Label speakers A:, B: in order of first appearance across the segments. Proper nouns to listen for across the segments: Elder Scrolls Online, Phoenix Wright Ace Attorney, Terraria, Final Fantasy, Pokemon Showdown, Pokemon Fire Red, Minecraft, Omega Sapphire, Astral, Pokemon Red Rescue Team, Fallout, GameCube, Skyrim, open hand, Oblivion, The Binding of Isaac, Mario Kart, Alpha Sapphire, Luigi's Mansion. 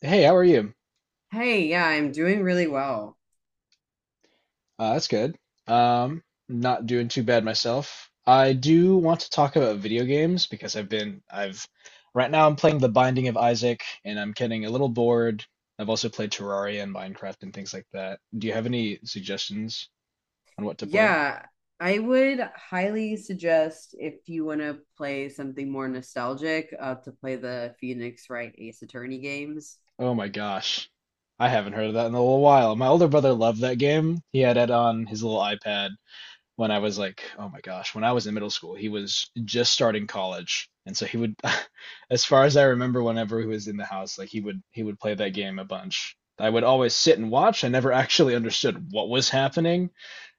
A: Hey, how are you?
B: Hey, yeah, I'm doing really well.
A: That's good. Um, Not doing too bad myself. I do want to talk about video games because right now I'm playing The Binding of Isaac and I'm getting a little bored. I've also played Terraria and Minecraft and things like that. Do you have any suggestions on what to play?
B: Yeah, I would highly suggest if you want to play something more nostalgic, to play the Phoenix Wright Ace Attorney games.
A: Oh my gosh. I haven't heard of that in a little while. My older brother loved that game. He had it on his little iPad when I was like, oh my gosh, when I was in middle school, he was just starting college. And so he would, as far as I remember, whenever he was in the house, like he would play that game a bunch. I would always sit and watch. I never actually understood what was happening.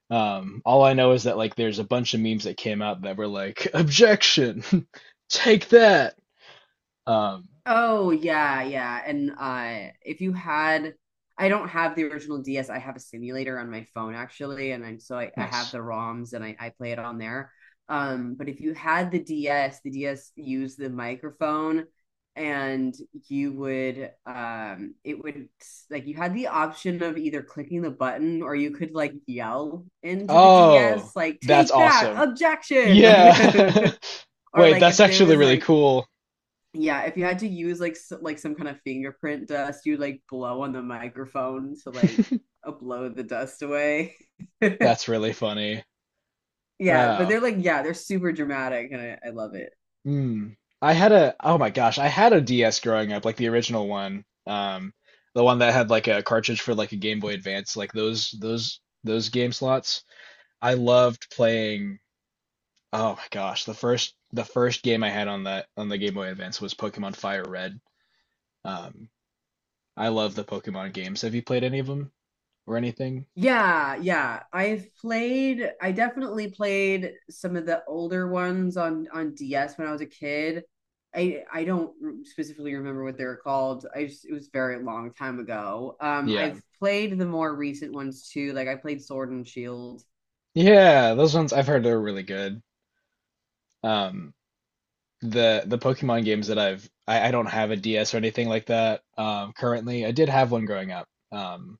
A: All I know is that like there's a bunch of memes that came out that were like, objection, take that. Um,
B: Oh yeah, yeah. And if you had I don't have the original DS. I have a simulator on my phone actually, and I have
A: Nice.
B: the ROMs and I play it on there. But if you had the DS, the DS used the microphone and you would it would like you had the option of either clicking the button or you could like yell into the
A: Oh,
B: DS like
A: that's
B: take that
A: awesome.
B: objection
A: Yeah.
B: like or
A: Wait,
B: like
A: that's
B: if there
A: actually
B: was
A: really
B: like,
A: cool.
B: yeah, if you had to use like s like some kind of fingerprint dust, you'd like blow on the microphone to like blow the dust away.
A: That's really funny.
B: Yeah, but
A: Wow.
B: they're like yeah, they're super dramatic and I love it.
A: Mm. Oh my gosh, I had a DS growing up, like the original one. The one that had like a cartridge for like a Game Boy Advance, like those game slots. I loved playing, oh my gosh, the first game I had on that on the Game Boy Advance was Pokemon Fire Red. Um, I love the Pokemon games. Have you played any of them or anything?
B: Yeah, yeah. I definitely played some of the older ones on DS when I was a kid. I don't specifically remember what they were called. I just it was a very long time ago. Um
A: Yeah.
B: I've played the more recent ones too. Like I played Sword and Shield.
A: Yeah, those ones I've heard are really good. Um, the Pokemon games that I don't have a DS or anything like that currently. I did have one growing up, um,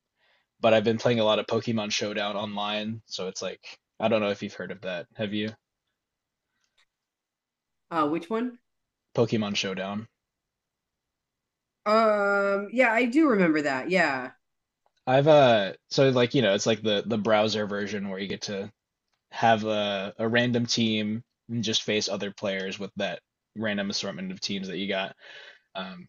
A: but I've been playing a lot of Pokemon Showdown online, so it's like I don't know if you've heard of that. Have you?
B: Which one?
A: Pokemon Showdown.
B: Yeah, I do remember that. Yeah.
A: I've so like you know it's like the browser version where you get to have a random team and just face other players with that random assortment of teams that you got. Um,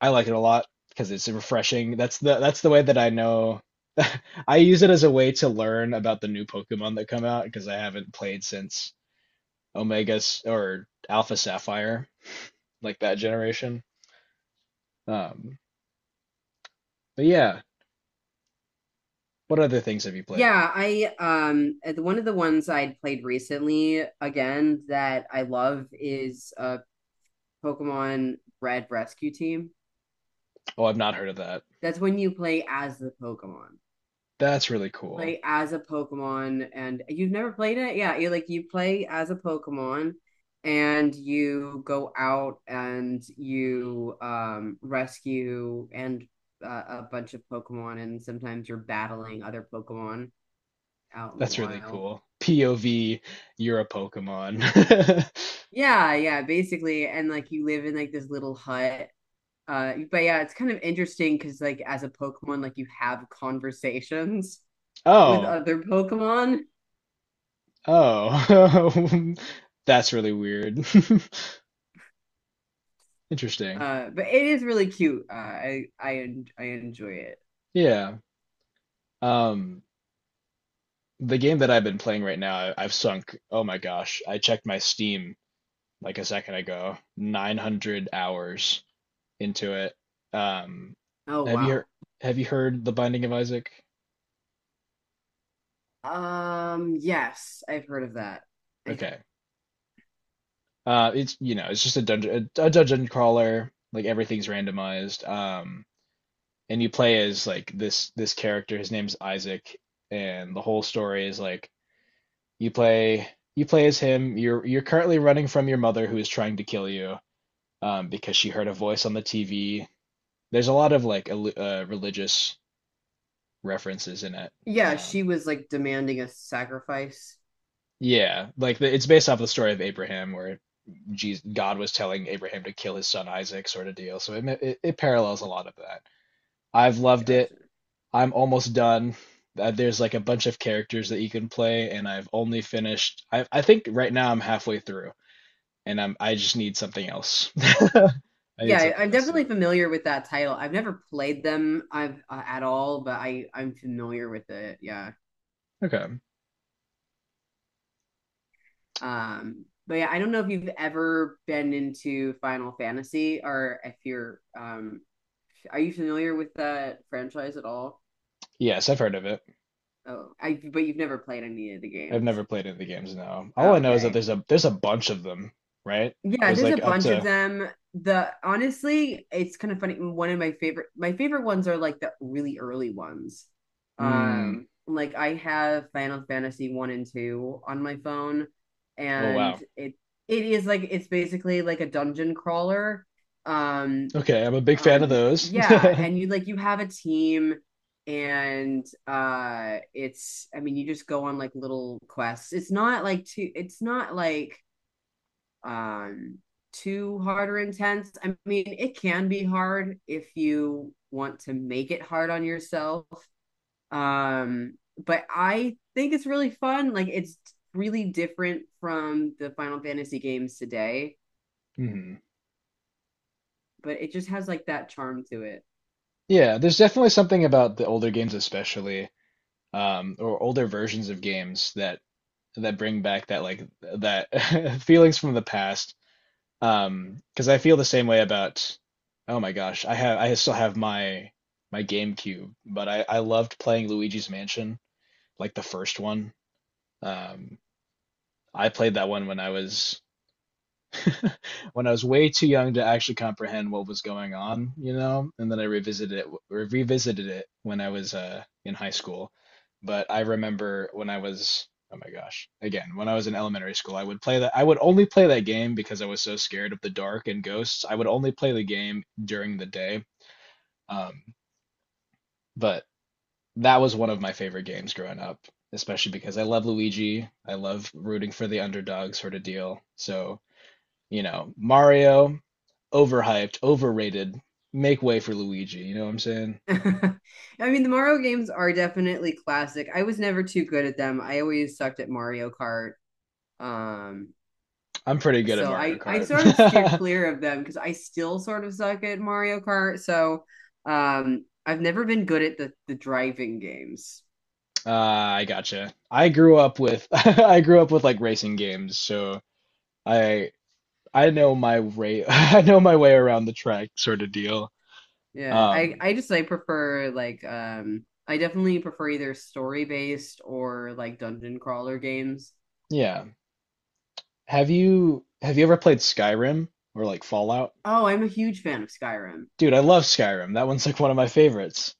A: I like it a lot because it's refreshing. That's the way that I know. I use it as a way to learn about the new Pokemon that come out because I haven't played since Omega S- or Alpha Sapphire, like that generation. Um, but yeah, what other things have you played?
B: Yeah, I one of the ones I'd played recently again that I love is Pokemon Red Rescue Team.
A: Oh, I've not heard of that.
B: That's when you play as the Pokemon.
A: That's really cool.
B: Play as a Pokemon and you've never played it? Yeah, you like you play as a Pokemon and you go out and you rescue and uh, a bunch of Pokemon and sometimes you're battling other Pokemon out in the
A: That's really
B: wild.
A: cool. POV, you're a Pokemon.
B: Yeah, yeah, basically. And like you live in like this little hut. But yeah, it's kind of interesting because like as a Pokemon, like you have conversations with
A: Oh,
B: other Pokemon.
A: oh. That's really weird. Interesting.
B: But it is really cute. I enjoy it.
A: Yeah. Um, the game that I've been playing right now, I've sunk, oh my gosh, I checked my Steam like a second ago, 900 hours into it. Um,
B: Oh
A: have you
B: wow.
A: heard, have you heard The Binding of Isaac?
B: Yes, I've heard of that. I
A: Okay. It's, you know, it's just a a dungeon crawler, like everything's randomized. And you play as like this character, his name's Isaac, and the whole story is like you play you play as him. You're currently running from your mother who is trying to kill you because she heard a voice on the TV. There's a lot of like religious references in it.
B: Yeah, she
A: Um,
B: was like demanding a sacrifice.
A: yeah, like it's based off the story of Abraham, where Jesus, God was telling Abraham to kill his son Isaac, sort of deal. So it parallels a lot of that. I've loved it.
B: Gotcha.
A: I'm almost done. There's like a bunch of characters that you can play, and I've only finished. I think right now I'm halfway through, and I just need something else. I need
B: Yeah, I
A: something
B: am
A: else to.
B: definitely familiar with that title. I've never played them I've at all, but I'm familiar with it. Yeah.
A: Okay.
B: But yeah, I don't know if you've ever been into Final Fantasy or if you're are you familiar with that franchise at all?
A: Yes, I've heard of it.
B: Oh, I but you've never played any of the
A: I've
B: games.
A: never played any of the games, no. All
B: Oh,
A: I know is that
B: okay.
A: there's a bunch of them, right?
B: Yeah,
A: There's
B: there's a
A: like up
B: bunch of
A: to
B: them. The honestly, it's kind of funny. One of my favorite ones are like the really early ones.
A: mm,
B: Like I have Final Fantasy one and two on my phone,
A: oh
B: and
A: wow.
B: it is like it's basically like a dungeon crawler. Um, b-
A: Okay, I'm a big fan of
B: um,
A: those.
B: yeah, and you like you have a team, and it's I mean you just go on like little quests. It's not like too. It's not like um too hard or intense. I mean, it can be hard if you want to make it hard on yourself. Um, but I think it's really fun. Like it's really different from the Final Fantasy games today,
A: Mhm.
B: but it just has like that charm to it.
A: Yeah, there's definitely something about the older games especially, or older versions of games that bring back that like that feelings from the past. 'Cause I feel the same way about oh my gosh, I still have my GameCube, but I loved playing Luigi's Mansion, like the first one. Um, I played that one when I was when I was way too young to actually comprehend what was going on, you know, and then I revisited it when I was in high school. But I remember when I was oh my gosh, again, when I was in elementary school, I would only play that game because I was so scared of the dark and ghosts. I would only play the game during the day. Um, but that was one of my favorite games growing up, especially because I love Luigi. I love rooting for the underdog sort of deal. So you know, Mario, overhyped, overrated. Make way for Luigi. You know what I'm saying?
B: I mean, the Mario games are definitely classic. I was never too good at them. I always sucked at Mario Kart. Um,
A: I'm pretty good at
B: so
A: Mario
B: I sort of steer
A: Kart.
B: clear of them because I still sort of suck at Mario Kart. So I've never been good at the driving games.
A: I gotcha. I grew up with I grew up with like racing games, so I I know my way I know my way around the track sort of deal.
B: Yeah,
A: Um,
B: I just I prefer like I definitely prefer either story based or like dungeon crawler games.
A: yeah. Have you ever played Skyrim or like Fallout?
B: Oh, I'm a huge fan of Skyrim.
A: Dude, I love Skyrim. That one's like one of my favorites.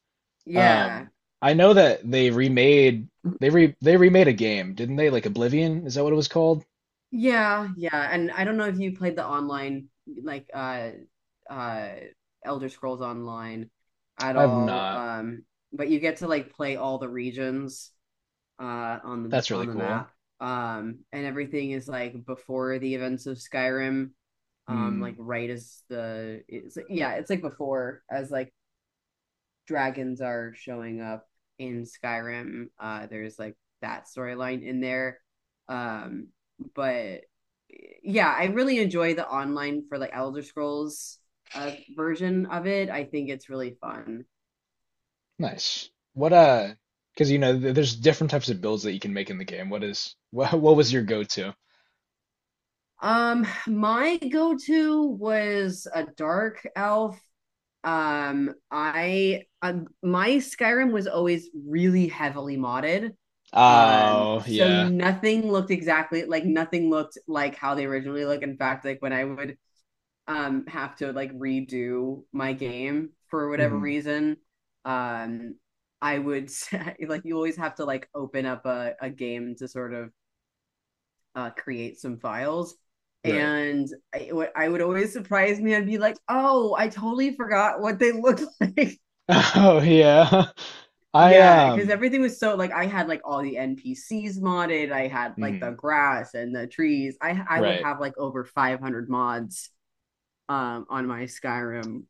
B: Yeah,
A: Um, I know that they remade a game, didn't they? Like Oblivion, is that what it was called?
B: yeah, yeah. And I don't know if you played the online like uh Elder Scrolls Online at
A: I've
B: all.
A: not.
B: But you get to like play all the regions on the
A: That's really cool.
B: map. And everything is like before the events of Skyrim. Like
A: Hmm,
B: right as the it's yeah, it's like before as like dragons are showing up in Skyrim. There's like that storyline in there. Um, but yeah, I really enjoy the online for like Elder Scrolls version of it. I think it's really fun.
A: nice. What because you know there's different types of builds that you can make in the game. What is what was your go-to?
B: My go to was a dark elf. I My Skyrim was always really heavily modded,
A: Oh
B: so
A: yeah,
B: nothing looked exactly like nothing looked like how they originally look. In fact, like when I would have to like redo my game for whatever
A: hmm
B: reason, um I would say, like you always have to like open up a game to sort of create some files.
A: right.
B: And what I would always surprise me. I'd be like, "Oh, I totally forgot what they looked like."
A: Oh yeah. I
B: Yeah, because everything was so like I had like all the NPCs modded. I had like the
A: mhm,
B: grass and the trees. I would
A: right.
B: have like over 500 mods on my Skyrim.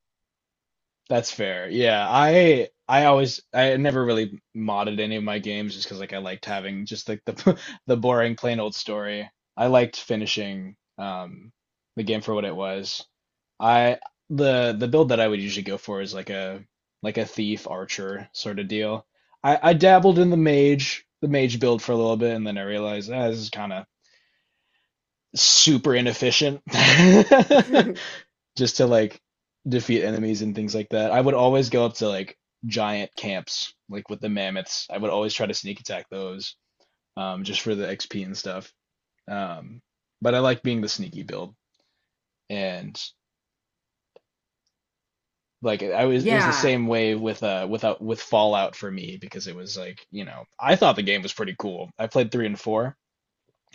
A: That's fair. Yeah, I always I never really modded any of my games just because like I liked having just like the the boring plain old story. I liked finishing the game for what it was. I the build that I would usually go for is like a thief archer sort of deal. I dabbled in the mage build for a little bit and then I realized ah, this is kind of super inefficient. Just to like defeat enemies and things like that. I would always go up to like giant camps, like with the mammoths. I would always try to sneak attack those, just for the XP and stuff. Um, but I like being the sneaky build, and like I was, it was the
B: Yeah.
A: same way with without with Fallout for me because it was like you know I thought the game was pretty cool. I played three and four.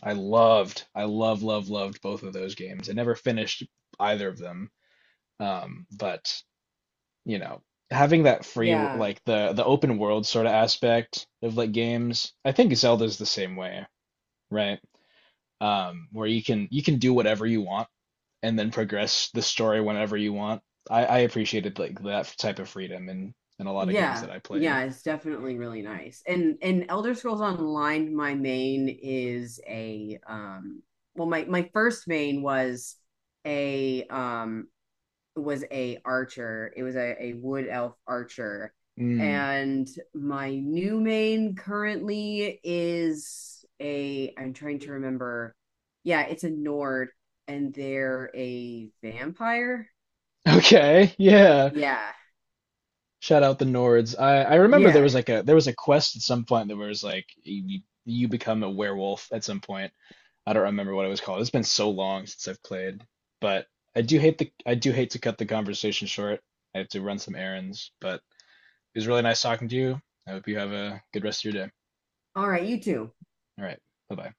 A: I love, love, loved both of those games. I never finished either of them, but you know, having that free
B: Yeah.
A: like the open world sort of aspect of like games. I think Zelda's the same way, right? Where you can do whatever you want and then progress the story whenever you want. I appreciated like that type of freedom in a lot of games
B: Yeah.
A: that I played.
B: Yeah, it's definitely really nice. And Elder Scrolls Online, my main is a well, my first main was a um a archer. It was a wood elf archer.
A: Mm.
B: And my new main currently is a, I'm trying to remember. Yeah, it's a Nord and they're a vampire.
A: Okay, yeah.
B: Yeah.
A: Shout out the Nords. I remember
B: Yeah.
A: there was a quest at some point that was like you become a werewolf at some point. I don't remember what it was called. It's been so long since I've played, but I do hate to cut the conversation short. I have to run some errands, but it was really nice talking to you. I hope you have a good rest of your day.
B: All right, you two.
A: All right. Bye-bye.